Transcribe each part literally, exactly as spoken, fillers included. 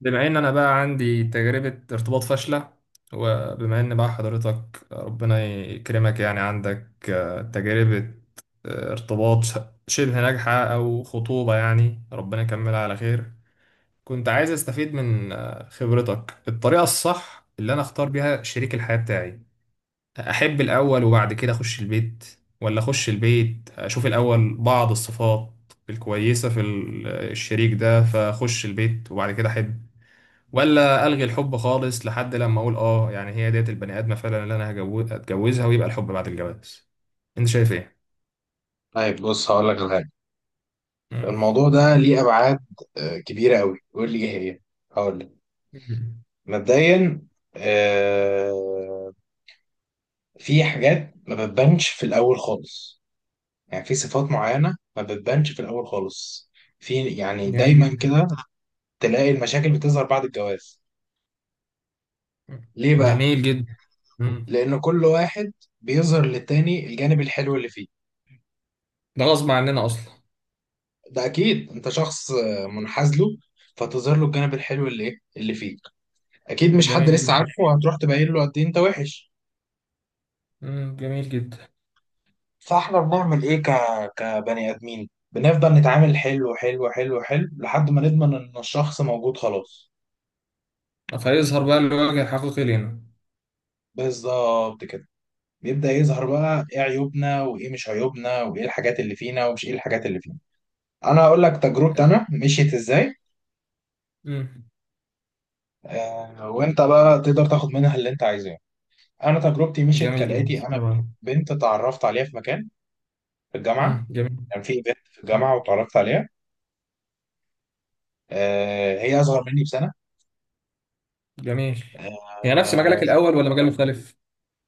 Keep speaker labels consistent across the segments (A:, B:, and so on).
A: بما ان انا بقى عندي تجربة ارتباط فاشلة، وبما ان بقى حضرتك ربنا يكرمك يعني عندك آه، تجربة آه، ارتباط ش- شبه ناجحة او خطوبة يعني ربنا يكملها على خير، كنت عايز استفيد من آه، خبرتك. الطريقة الصح اللي انا اختار بيها شريك الحياة بتاعي، احب الاول وبعد كده اخش البيت، ولا اخش البيت اشوف الاول بعض الصفات الكويسة في ال- الشريك ده فاخش البيت وبعد كده احب، ولا الغي الحب خالص لحد لما اقول اه يعني هي ديت البني ادمه فعلا اللي انا هجو- هتجوزها ويبقى الحب بعد الجواز. انت شايف ايه؟
B: طيب، بص هقول لك على حاجه.
A: مم.
B: الموضوع ده ليه ابعاد آه، كبيره قوي. قول لي ايه هي. هقول لك. مبدئيا، آه، في حاجات ما بتبانش في الاول خالص. يعني في صفات معينه ما بتبانش في الاول خالص. في يعني
A: جميل
B: دايما
A: جدا.
B: كده تلاقي المشاكل بتظهر بعد الجواز.
A: مم.
B: ليه بقى؟
A: جميل جدا. مم.
B: لان كل واحد بيظهر للتاني الجانب الحلو اللي فيه.
A: ده غصب عننا اصلا.
B: ده اكيد انت شخص آه، منحاز له، فتظهر له الجانب الحلو اللي إيه؟ اللي فيه. اكيد مش حد
A: جميل
B: لسه
A: جدا.
B: عارفه وهتروح تبين له قد ايه انت وحش.
A: مم. جميل جدا.
B: فاحنا بنعمل ايه ك... كبني ادمين؟ بنفضل نتعامل حلو حلو حلو حلو لحد ما نضمن ان الشخص موجود خلاص.
A: فيظهر بقى الوجه الحقيقي لنا.
B: بالظبط كده، بيبدا يظهر بقى ايه عيوبنا وايه مش عيوبنا وايه الحاجات اللي فينا ومش ايه الحاجات اللي فينا. انا هقول لك تجربتي انا مشيت ازاي،
A: مم.
B: آه وانت بقى تقدر تاخد منها اللي انت عايزاه. انا تجربتي مشيت
A: جميل جدا
B: كالاتي. انا
A: طبعا.
B: بنت اتعرفت عليها في مكان، في
A: مم.
B: الجامعه.
A: جميل.
B: كان في بنت في الجامعه واتعرفت عليها. آه، هي اصغر مني بسنه.
A: جميل. هي نفس مجالك
B: آه،
A: الاول ولا مجال مختلف؟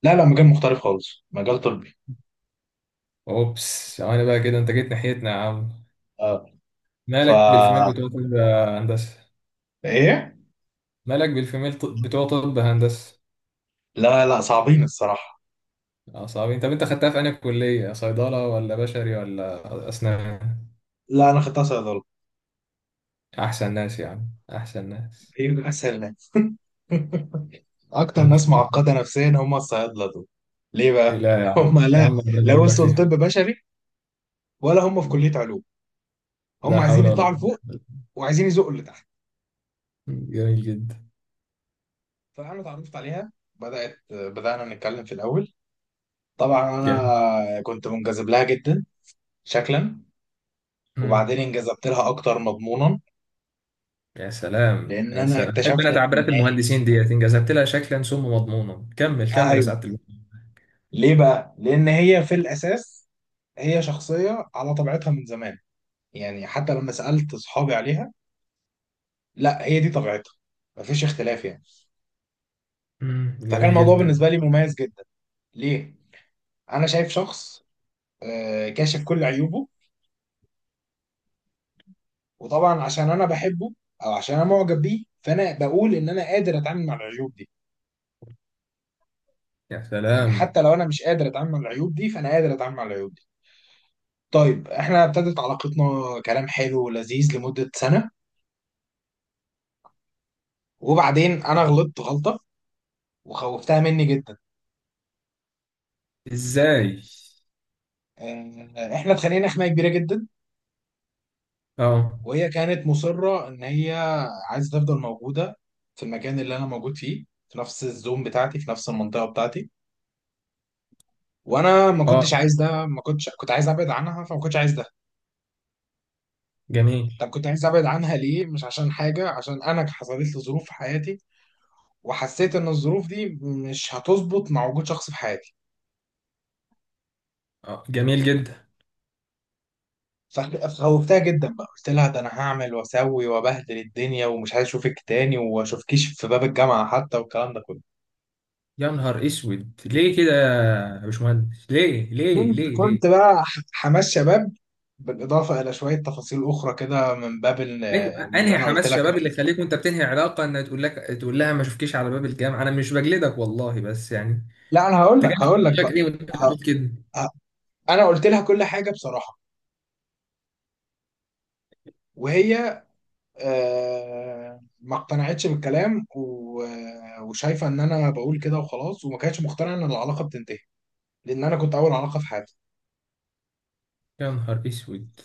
B: لا لا، مجال مختلف خالص، مجال طبي.
A: اوبس انا بقى كده انت جيت ناحيتنا يا عم.
B: اه. ف
A: مالك بالفيميل بتوع كل هندسه.
B: ايه.
A: مالك بالفيميل ط- بتوع طب هندسة.
B: لا لا صعبين الصراحه.
A: اه، صعبين. طب انت خدتها في انهي كلية صيدلة ولا بشري ولا اسنان؟
B: لا انا خدتها صيدله.
A: احسن ناس يا عم. احسن ناس.
B: هي اسهل ناس اكتر ناس معقده نفسيا هم الصيادله دول. ليه بقى؟
A: لا يا عم
B: هم
A: يا
B: لا،
A: عم ربنا
B: لا
A: يبارك لك
B: وصلوا طب
A: فيها.
B: بشري، ولا هم في كليه علوم. هم
A: لا
B: عايزين
A: حول ولا
B: يطلعوا
A: قوة.
B: لفوق، وعايزين يزقوا اللي تحت.
A: جميل جدا.
B: فانا اتعرفت عليها، بدات بدانا نتكلم في الاول. طبعا
A: جميل.
B: انا كنت منجذب لها جدا شكلا،
A: مم.
B: وبعدين انجذبت لها اكتر مضمونا.
A: يا سلام
B: لان
A: يا
B: انا
A: سلام، بحب
B: اكتشفت
A: انا
B: ان،
A: تعبيرات المهندسين ديت، ان جذبت لها شكلا ثم مضمونا. كمل كمل يا
B: ايوه،
A: سعادة المهندس.
B: ليه بقى؟ لان هي في الاساس هي شخصيه على طبيعتها من زمان. يعني حتى لما سالت اصحابي عليها، لا هي دي طبيعتها، مفيش اختلاف يعني.
A: مم.
B: فكان
A: جميل
B: الموضوع
A: جدا.
B: بالنسبه لي مميز جدا. ليه؟ انا شايف شخص آه، كاشف كل عيوبه، وطبعا عشان انا بحبه او عشان انا معجب بيه فانا بقول ان انا قادر اتعامل مع العيوب دي.
A: يا
B: يعني
A: سلام.
B: حتى لو انا مش قادر اتعامل مع العيوب دي فانا قادر اتعامل مع العيوب دي. طيب، احنا ابتدت علاقتنا كلام حلو ولذيذ لمدة سنة، وبعدين انا غلطت غلطة وخوفتها مني جدا.
A: ازاي؟
B: اه، احنا اتخانقنا خناقة كبيرة جدا.
A: اه.
B: وهي كانت مصرة ان هي عايزة تفضل موجودة في المكان اللي انا موجود فيه، في نفس الزوم بتاعتي، في نفس المنطقة بتاعتي. وانا ما كنتش
A: اه.
B: عايز ده. ما كنتش كنت عايز ابعد عنها، فما كنتش عايز ده.
A: جميل.
B: طب كنت عايز ابعد عنها ليه؟ مش عشان حاجة، عشان انا حصلت لي ظروف في حياتي، وحسيت ان الظروف دي مش هتظبط مع وجود شخص في حياتي.
A: آه، جميل جدا.
B: صاحبي خوفتها جدا بقى، قلت لها ده انا هعمل واسوي وابهدل الدنيا ومش عايز اشوفك تاني واشوفكيش في باب الجامعه حتى والكلام ده كله.
A: يا نهار اسود، ليه كده يا باشمهندس، ليه ليه
B: كنت
A: ليه
B: كنت
A: ليه؟
B: بقى ح- حماس شباب، بالاضافه الى شويه تفاصيل اخرى كده من باب ال-
A: ايوه،
B: اللي
A: انهي
B: انا قلت
A: حماس
B: لك
A: شباب اللي
B: إن-
A: يخليك وانت بتنهي علاقه ان تقول لك، تقول لها ما اشوفكيش على باب الجامعه؟ انا مش بجلدك والله، بس يعني.
B: لا انا هقول
A: انت
B: لك
A: كان
B: هقول لك
A: شكلك
B: بقى.
A: ايه وانت
B: ه-
A: بتقول كده؟
B: ه- انا قلت لها كل حاجه بصراحه. وهي آه، ما اقتنعتش بالكلام و- وشايفه ان انا بقول كده وخلاص، وما كانتش مقتنعه ان العلاقه بتنتهي، لان انا كنت اول علاقه في حياتي.
A: يا نهار اسود.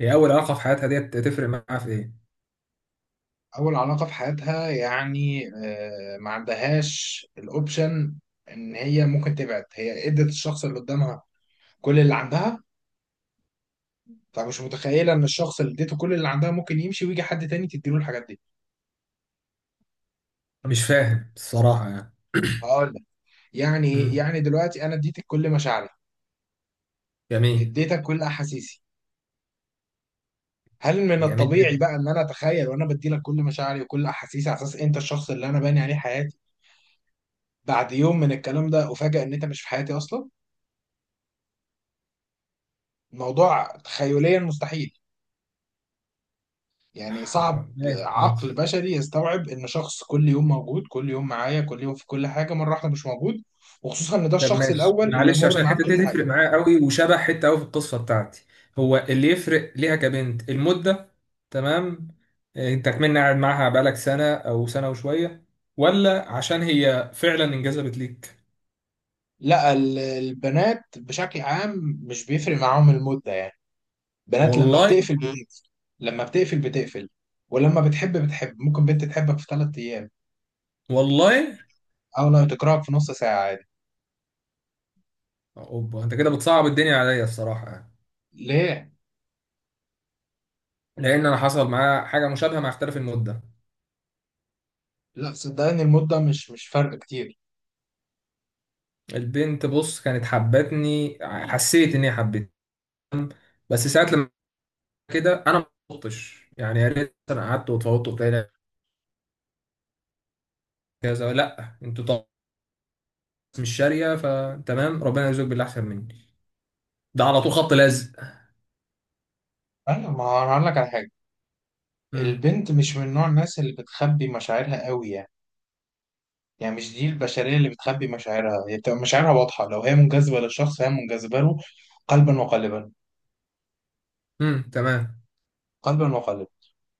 A: هي اول علاقه في حياتها ديت، تفرق معاها في ايه؟
B: اول علاقه في حياتها يعني آه، ما عندهاش الاوبشن ان هي ممكن تبعد. هي ادت الشخص اللي قدامها كل اللي عندها، فمش متخيله ان الشخص اللي اديته كل اللي عندها ممكن يمشي ويجي حد تاني تديله الحاجات دي.
A: مش فاهم الصراحه يعني.
B: هقول لك يعني إيه؟
A: مم.
B: يعني دلوقتي انا اديتك كل مشاعري،
A: جميل.
B: اديتك كل احاسيسي. هل من
A: جميل جدا.
B: الطبيعي بقى ان انا اتخيل، وانا بديلك كل مشاعري وكل احاسيسي على اساس انت الشخص اللي انا باني عليه حياتي، بعد يوم من الكلام ده افاجئ ان انت مش في حياتي اصلا؟ الموضوع تخيليا مستحيل. يعني صعب
A: ماشي ماشي.
B: عقل بشري يستوعب ان شخص كل يوم موجود، كل يوم معايا، كل يوم في كل حاجه، مره واحده مش موجود. وخصوصا ان ده
A: طب
B: الشخص
A: ماشي
B: الاول اللي
A: معلش،
B: مر
A: عشان
B: معاه
A: الحته
B: بكل
A: دي
B: حاجه.
A: تفرق معايا قوي وشبه حته قوي في القصه بتاعتي. هو اللي يفرق ليها كبنت المده؟ تمام. آه، انت كمان قاعد معاها بقالك سنه او سنه وشويه، ولا عشان هي فعلا انجذبت ليك؟
B: لا، ال- البنات بشكل عام مش بيفرق معاهم المده يعني. بنات لما
A: والله.
B: بتقفل، مم. بتقفل، لما بتقفل بتقفل. ولما بتحب بتحب، ممكن بنت تحبك في ثلاث ايام،
A: والله.
B: او لو تكرهك في نص ساعه عادي.
A: اوبا، انت كده بتصعب الدنيا عليا الصراحه يعني.
B: ليه؟
A: لان انا حصل معايا حاجه مشابهه مع اختلاف المده.
B: لا صدقني المده مش مش فرق كتير.
A: البنت بص كانت حبتني، حسيت ان هي حبتني. بس ساعات لما كده انا ما قلتش يعني، يا ريت انا قعدت واتفوضت وبتاع كذا. لا، انتوا طبعا مش شاريه، فتمام ربنا يرزقك باللي احسن مني، ده على طول خط لازق.
B: ايوه، ما هو انا هقول لك على حاجه.
A: امم.
B: البنت مش من نوع الناس اللي بتخبي مشاعرها قوي يعني. يعني مش دي البشرية اللي بتخبي مشاعرها، هي بتبقى مشاعرها واضحة، لو هي منجذبة للشخص فهي منجذبة له قلبا وقالبا.
A: امم، تمام.
B: قلبا وقالبا،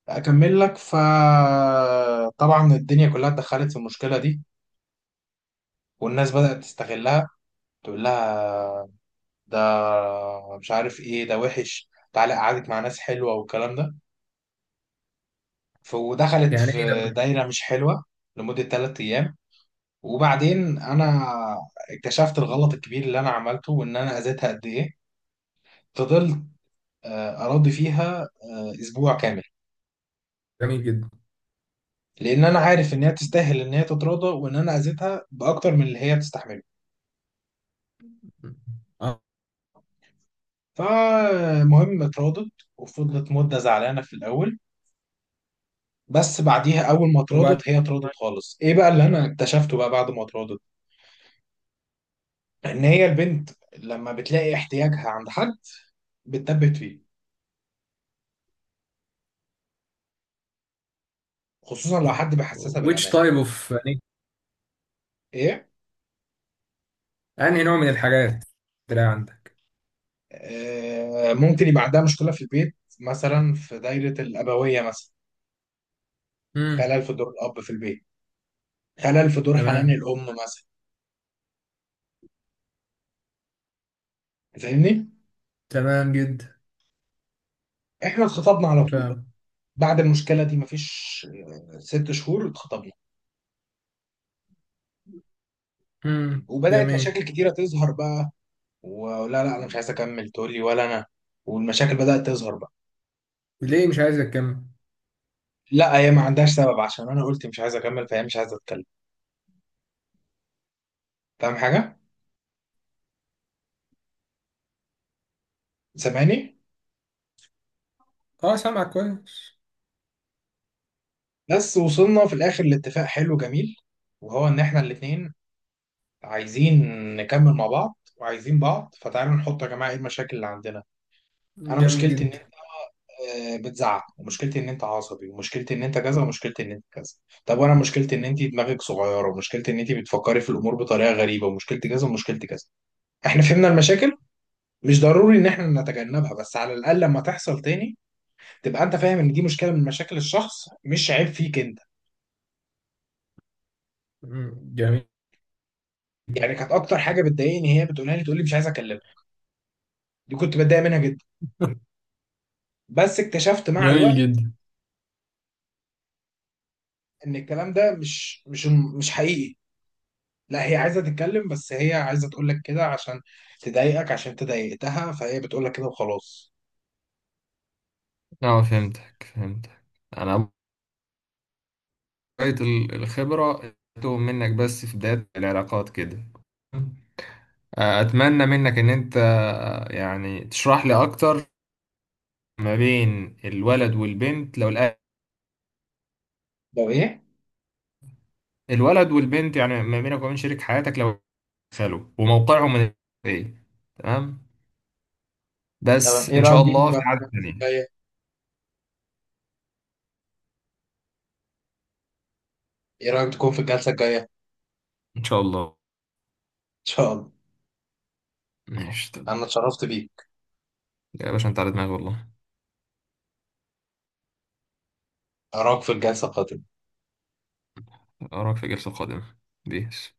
B: أكمل لك. فطبعا الدنيا كلها اتدخلت في المشكلة دي، والناس بدأت تستغلها، تقول لها ده، مش عارف ايه، ده وحش، تعالى أقعدك مع ناس حلوة والكلام ده. ف- ودخلت
A: يعني ايه
B: في
A: ده؟
B: دايرة مش حلوة لمدة ثلاث أيام. وبعدين أنا اكتشفت الغلط الكبير اللي أنا عملته وإن أنا أذيتها قد إيه. فضلت آه، أراضي فيها آه، أسبوع كامل،
A: جميل جدا.
B: لأن أنا عارف إن هي تستاهل إن هي تتراضى، وإن أنا أذيتها بأكتر من اللي هي بتستحمله.
A: مم.
B: فالمهم اتراضت، وفضلت مدة زعلانة في الأول، بس بعديها أول ما
A: وبعد.
B: اتراضت هي اتراضت خالص. إيه بقى اللي أنا اكتشفته بقى بعد ما اتراضت؟ إن هي البنت لما بتلاقي احتياجها عند حد بتثبت فيه، خصوصا لو حد بيحسسها
A: which
B: بالامان.
A: type of يعني؟
B: ايه؟
A: انهي نوع من الحاجات تلاقي عندك؟
B: آه، ممكن يبقى عندها مشكله في البيت مثلا، في دايره الابويه مثلا،
A: امم،
B: خلل في دور الاب في البيت، خلل في دور حنان
A: تمام.
B: الام مثلا. فاهمني؟
A: تمام جدا.
B: احنا اتخطبنا على طول بقى،
A: فاهم.
B: بعد المشكله دي مفيش آه، ست شهور اتخطبنا،
A: امم،
B: وبدات
A: جميل.
B: مشاكل كتيره تظهر بقى. ولا لا انا مش عايز اكمل تقول لي، ولا انا والمشاكل بدات تظهر بقى.
A: ليه مش عايز اكمل؟
B: لا هي ما عندهاش سبب عشان انا قلت مش عايز اكمل فهي مش عايزه اتكلم. فاهم حاجه؟ سامعني؟
A: اه، سامعك كويس.
B: بس وصلنا في الاخر لاتفاق حلو جميل، وهو ان احنا الاتنين عايزين نكمل مع بعض وعايزين بعض. فتعالوا نحط يا جماعه ايه المشاكل اللي عندنا. انا
A: جميل
B: مشكلتي ان
A: جدا.
B: آه، بتزعق، ومشكلتي ان انت عصبي، ومشكلتي ان انت كذا، ومشكلتي ان انت كذا. طب وانا مشكلتي ان انت دماغك صغيره، ومشكلتي ان انت بتفكري في الامور بطريقه غريبه، ومشكلتي كذا، ومشكلتي كذا. احنا فهمنا المشاكل، مش ضروري ان احنا نتجنبها، بس على الاقل لما تحصل تاني تبقى انت فاهم ان دي مشكله من مشاكل الشخص، مش عيب فيك انت.
A: مم. جميل.
B: يعني كانت اكتر حاجه بتضايقني هي بتقولها لي، تقول لي مش عايز اكلمك. دي كنت بتضايق منها جدا، بس اكتشفت مع
A: جميل
B: الوقت
A: جدا.
B: ان الكلام ده مش مش مش حقيقي. لا هي عايزة تتكلم، بس هي عايزة تقول لك كده عشان تضايقك عشان انت ضايقتها، فهي بتقول لك كده وخلاص.
A: اه، فهمتك فهمتك. انا شوية ال- الخبرة تتوه منك بس في بداية العلاقات كده. أتمنى منك إن أنت يعني تشرح لي أكتر، ما بين الولد والبنت لو الأ-
B: طب ايه؟
A: الولد والبنت، يعني ما بينك وبين شريك حياتك لو دخلوا وموقعهم من إيه. تمام.
B: تمام.
A: بس
B: ايه
A: إن شاء
B: رأيك دي
A: الله في
B: بقى في
A: عدد
B: الجلسة
A: تانية.
B: الجاية؟ ايه رأيك تكون في الجلسة الجاية ان
A: إن شاء الله.
B: شاء الله؟
A: ماشي تمام.
B: انا اتشرفت بيك.
A: يا باشا أنت على دماغي والله.
B: اراك في الجلسة القادمة.
A: أراك في الجلسة القادمة. بيس